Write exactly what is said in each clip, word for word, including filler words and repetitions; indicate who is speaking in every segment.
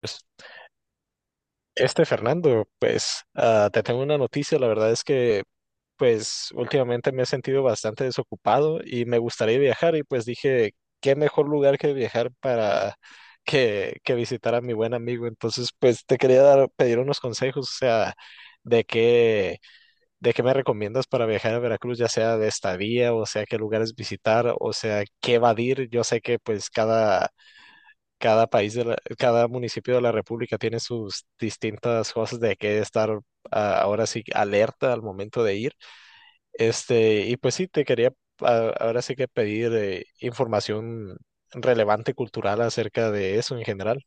Speaker 1: Pues, este Fernando, pues ah, te tengo una noticia, la verdad es que pues últimamente me he sentido bastante desocupado y me gustaría viajar y pues dije, qué mejor lugar que viajar para que, que visitar a mi buen amigo. Entonces, pues te quería dar, pedir unos consejos, o sea, de qué, de qué me recomiendas para viajar a Veracruz, ya sea de estadía, o sea, qué lugares visitar, o sea, qué evadir. Yo sé que pues cada cada país de la- cada municipio de la República tiene sus distintas cosas de que estar ah, ahora sí alerta al momento de ir. Este, y pues sí, te quería ah, ahora sí que pedir eh, información relevante cultural acerca de eso en general.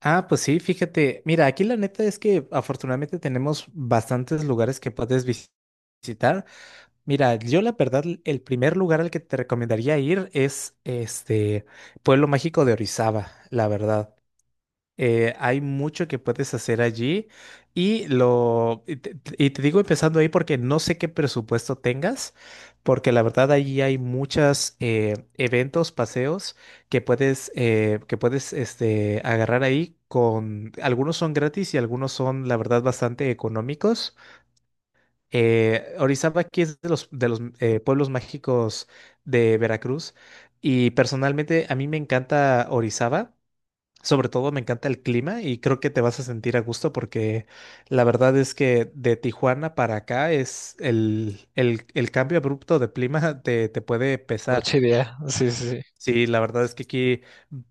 Speaker 2: Ah, pues sí, fíjate, mira, aquí la neta es que afortunadamente tenemos bastantes lugares que puedes vis- visitar. Mira, yo la verdad, el primer lugar al que te recomendaría ir es este Pueblo Mágico de Orizaba, la verdad. Eh, hay mucho que puedes hacer allí y lo y te, y te digo empezando ahí porque no sé qué presupuesto tengas, porque la verdad allí hay muchos eventos, paseos que puedes eh, que puedes este agarrar ahí con algunos son gratis y algunos son la verdad bastante económicos. Eh, Orizaba aquí es de los de los eh, pueblos mágicos de Veracruz y personalmente a mí me encanta Orizaba. Sobre todo me encanta el clima y creo que te vas a sentir a gusto porque la verdad es que de Tijuana para acá es el, el, el cambio abrupto de clima te, te puede pesar.
Speaker 1: Noche idea. Sí, sí, sí.
Speaker 2: Sí, la verdad es que aquí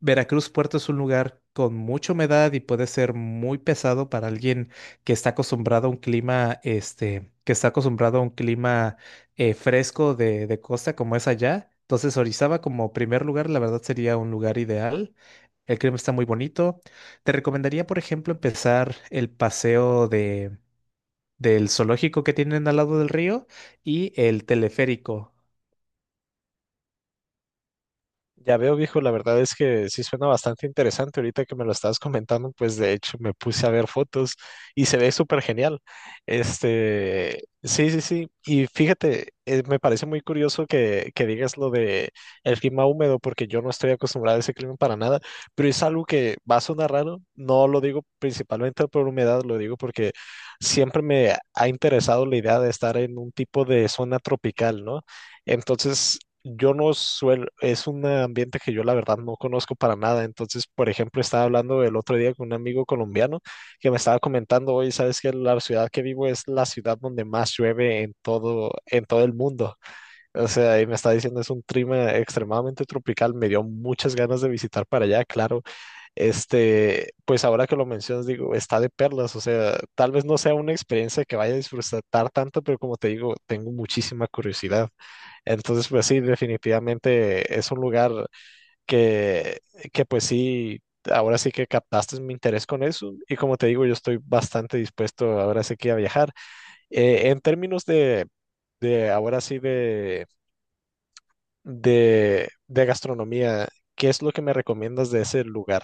Speaker 2: Veracruz Puerto es un lugar con mucha humedad y puede ser muy pesado para alguien que está acostumbrado a un clima, este, que está acostumbrado a un clima eh, fresco de, de costa como es allá. Entonces, Orizaba como primer lugar, la verdad sería un lugar ideal. El clima está muy bonito. Te recomendaría, por ejemplo, empezar el paseo de, del zoológico que tienen al lado del río y el teleférico.
Speaker 1: Ya veo, viejo, la verdad es que sí suena bastante interesante. Ahorita que me lo estabas comentando, pues de hecho me puse a ver fotos y se ve súper genial. Este, sí, sí, sí. Y fíjate, eh, me parece muy curioso que, que digas lo de el clima húmedo, porque yo no estoy acostumbrado a ese clima para nada, pero es algo que va a sonar raro. No lo digo principalmente por humedad, lo digo porque siempre me ha interesado la idea de estar en un tipo de zona tropical, ¿no? Entonces, yo no suelo, es un ambiente que yo la verdad no conozco para nada. Entonces, por ejemplo, estaba hablando el otro día con un amigo colombiano que me estaba comentando, hoy sabes que la ciudad que vivo es la ciudad donde más llueve en todo, en todo el mundo. O sea, y me está diciendo, es un clima extremadamente tropical. Me dio muchas ganas de visitar para allá, claro. Este, pues ahora que lo mencionas, digo, está de perlas, o sea, tal vez no sea una experiencia que vaya a disfrutar tanto, pero como te digo, tengo muchísima curiosidad. Entonces, pues sí, definitivamente es un lugar que, que pues sí, ahora sí que captaste mi interés con eso y como te digo, yo estoy bastante dispuesto ahora sí que a viajar. Eh, en términos de, de ahora sí de, de, de gastronomía, ¿qué es lo que me recomiendas de ese lugar?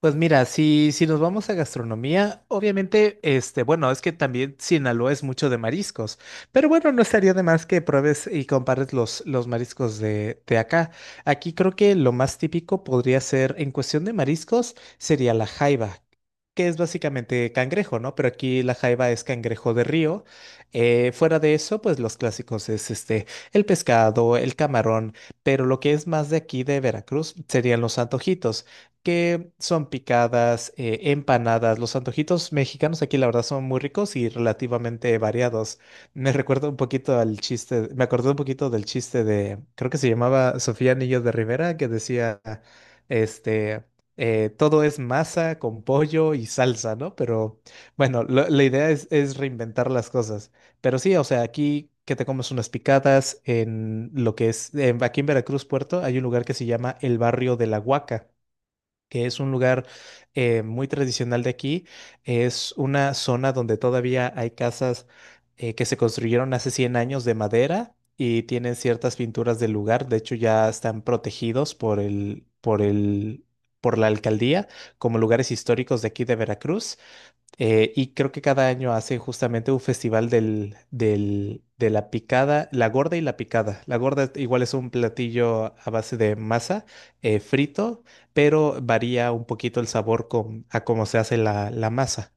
Speaker 2: Pues mira, si, si nos vamos a gastronomía, obviamente, este, bueno, es que también Sinaloa es mucho de mariscos, pero bueno, no estaría de más que pruebes y compares los, los mariscos de, de acá. Aquí creo que lo más típico podría ser, en cuestión de mariscos, sería la jaiba, que es básicamente cangrejo, ¿no? Pero aquí la jaiba es cangrejo de río. Eh, fuera de eso, pues los clásicos es este, el pescado, el camarón, pero lo que es más de aquí de Veracruz serían los antojitos que son picadas, eh, empanadas. Los antojitos mexicanos aquí, la verdad, son muy ricos y relativamente variados. Me recuerda un poquito al chiste, me acordé un poquito del chiste de, creo que se llamaba Sofía Niño de Rivera, que decía, este, eh, todo es masa con pollo y salsa, ¿no? Pero bueno, lo- la idea es, es reinventar las cosas. Pero sí, o sea, aquí que te comes unas picadas en lo que es, en- aquí en Veracruz, Puerto, hay un lugar que se llama el Barrio de la Huaca que es un lugar eh, muy tradicional de aquí. Es una zona donde todavía hay casas eh, que se construyeron hace cien años de madera y tienen ciertas pinturas del lugar. De hecho, ya están protegidos por el, por el, por la alcaldía como lugares históricos de aquí de Veracruz. Eh, y creo que cada año hace justamente un festival del, del- de la picada, la gorda y la picada. La gorda igual es un platillo a base de masa eh, frito, pero varía un poquito el sabor con, a cómo se hace la, la masa.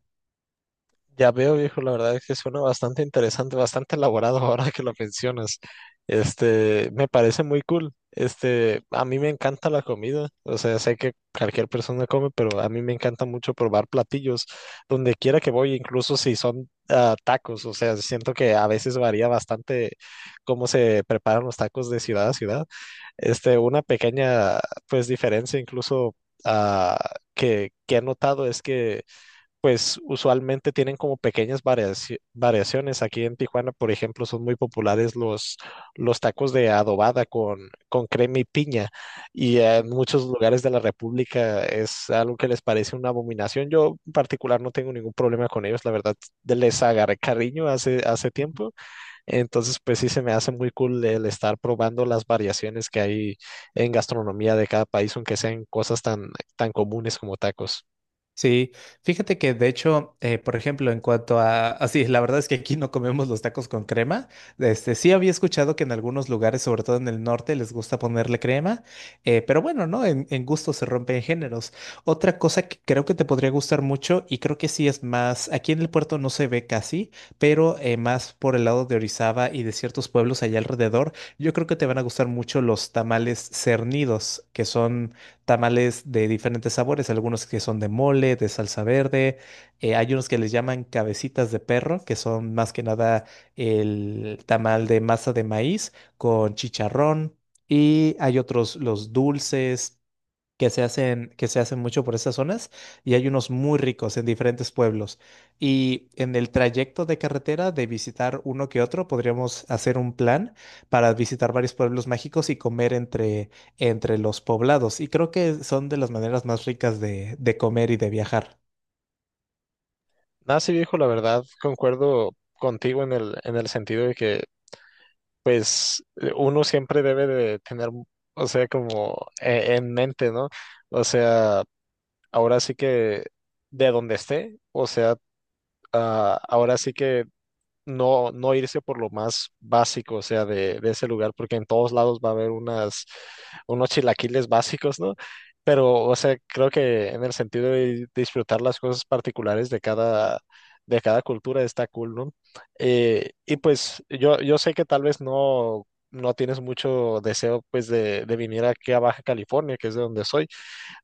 Speaker 1: Ya veo, viejo, la verdad es que suena bastante interesante, bastante elaborado ahora que lo mencionas. Este, me parece muy cool. Este, a mí me encanta la comida. O sea, sé que cualquier persona come, pero a mí me encanta mucho probar platillos donde quiera que voy, incluso si son ah, tacos. O sea, siento que a veces varía bastante cómo se preparan los tacos de ciudad a ciudad. Este, una pequeña, pues, diferencia incluso ah, que, que he notado es que pues usualmente tienen como pequeñas variaci- variaciones. Aquí en Tijuana, por ejemplo, son muy populares los, los tacos de adobada con, con crema y piña. Y en muchos lugares de la República es algo que les parece una abominación. Yo en particular no tengo ningún problema con ellos, la verdad, de- les agarré cariño hace, hace tiempo. Entonces, pues sí se me hace muy cool el estar probando las variaciones que hay en gastronomía de cada país, aunque sean cosas tan, tan comunes como tacos.
Speaker 2: Sí, fíjate que de hecho, eh, por ejemplo, en cuanto a, así, la verdad es que aquí no comemos los tacos con crema. Este, sí había escuchado que en algunos lugares, sobre todo en el norte, les gusta ponerle crema, eh, pero bueno, ¿no? En, en gusto se rompen géneros. Otra cosa que creo que te podría gustar mucho y creo que sí es más, aquí en el puerto no se ve casi, pero eh, más por el lado de Orizaba y de ciertos pueblos allá alrededor, yo creo que te van a gustar mucho los tamales cernidos, que son tamales de diferentes sabores, algunos que son de mole, de salsa verde, eh, hay unos que les llaman cabecitas de perro, que son más que nada el tamal de masa de maíz con chicharrón, y hay otros, los dulces que se hacen, que se hacen mucho por esas zonas y hay unos muy ricos en diferentes pueblos. Y en el trayecto de carretera de visitar uno que otro, podríamos hacer un plan para visitar varios pueblos mágicos y comer entre, entre los poblados. Y creo que son de las maneras más ricas de, de comer y de viajar.
Speaker 1: Nada, sí, viejo, la verdad, concuerdo contigo en el, en el sentido de que, pues, eh, uno siempre debe de tener, o sea, como eh, en mente, ¿no? O sea, ahora sí que de donde esté, o sea, ah, ahora sí que no, no irse por lo más básico, o sea, de, de ese lugar, porque en todos lados va a haber unas, unos chilaquiles básicos, ¿no? Pero, o sea, creo que en el sentido de disfrutar las cosas particulares de cada, de cada cultura está cool, ¿no? Eh, y pues yo, yo sé que tal vez no, no tienes mucho deseo, pues, de, de venir aquí a Baja California, que es de donde soy,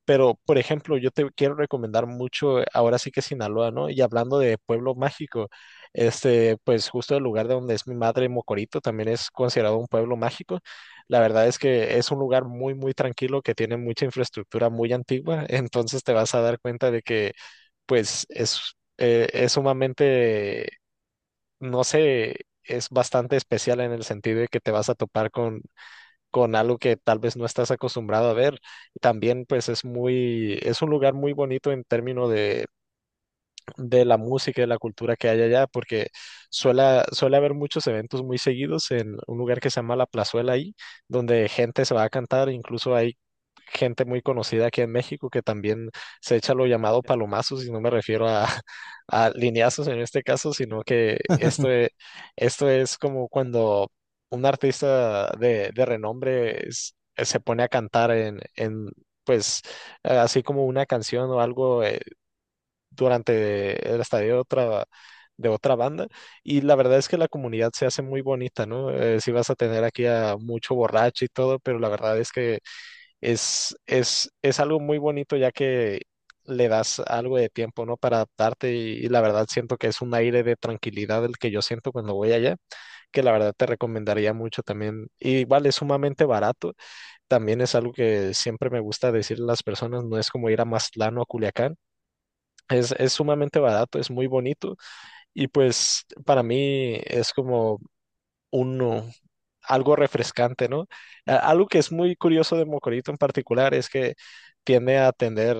Speaker 1: pero, por ejemplo, yo te quiero recomendar mucho, eh, ahora sí que Sinaloa, ¿no? Y hablando de pueblo mágico, este, pues justo el lugar de donde es mi madre, Mocorito, también es considerado un pueblo mágico. La verdad es que es un lugar muy, muy tranquilo que tiene mucha infraestructura muy antigua, entonces te vas a dar cuenta de que, pues, es, eh, es sumamente, no sé, es bastante especial en el sentido de que te vas a topar con con algo que tal vez no estás acostumbrado a ver. También pues es muy, es un lugar muy bonito en términos de, de la música y la cultura que hay allá, porque suele, suele haber muchos eventos muy seguidos en un lugar que se llama La Plazuela ahí, donde gente se va a cantar, incluso hay gente muy conocida aquí en México que también se echa lo llamado palomazos, y no me refiero a, a lineazos en este caso, sino que esto, e- esto es como cuando un artista de, de renombre es- se pone a cantar en, en, pues, eh, así como una canción o algo eh, durante el estadio de otra, de otra banda. Y la verdad es que la comunidad se hace muy bonita, ¿no? Eh, si vas a tener aquí a mucho borracho y todo, pero la verdad es que es, es, es algo muy bonito ya que le das algo de tiempo, ¿no? Para adaptarte y, y la verdad siento que es un aire de tranquilidad el que yo siento cuando voy allá, que la verdad te recomendaría mucho también. Y igual es sumamente barato, también es algo que siempre me gusta decir a las personas, no es como ir a Mazatlán o a Culiacán. Es, es sumamente barato, es muy bonito y pues para mí es como uno, algo refrescante, ¿no? A- Algo que es muy curioso de Mocorito en particular es que tiende a tener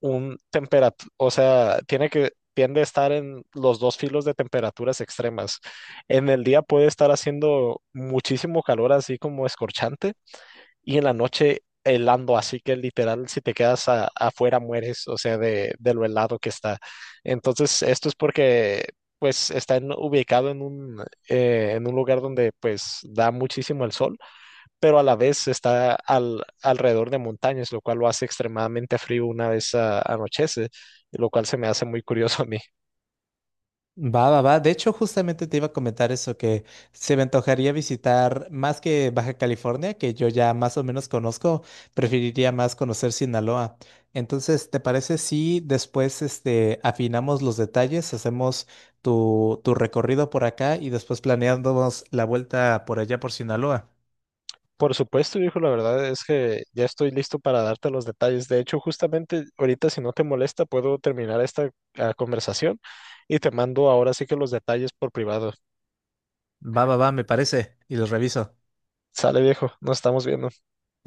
Speaker 1: un temperatura, o sea, tiene que, tiende a estar en los dos filos de temperaturas extremas. En el día puede estar haciendo muchísimo calor, así como escorchante y en la noche helando, así que literal, si te quedas a- afuera mueres, o sea, de, de lo helado que está. Entonces, esto es porque, pues, está en- ubicado en un, eh, en un lugar donde, pues, da muchísimo el sol, pero a la vez está al, alrededor de montañas, lo cual lo hace extremadamente frío una vez ah, anochece, lo cual se me hace muy curioso a mí.
Speaker 2: Va, va, va. De hecho, justamente te iba a comentar eso, que se me antojaría visitar más que Baja California, que yo ya más o menos conozco, preferiría más conocer Sinaloa. Entonces, ¿te parece si después este, afinamos los detalles, hacemos tu, tu recorrido por acá y después planeamos la vuelta por allá por Sinaloa?
Speaker 1: Por supuesto, viejo, la verdad es que ya estoy listo para darte los detalles. De hecho, justamente ahorita, si no te molesta, puedo terminar esta ah, conversación y te mando ahora sí que los detalles por privado.
Speaker 2: Va, va, va, me parece, y los reviso.
Speaker 1: Sale, viejo, nos estamos viendo.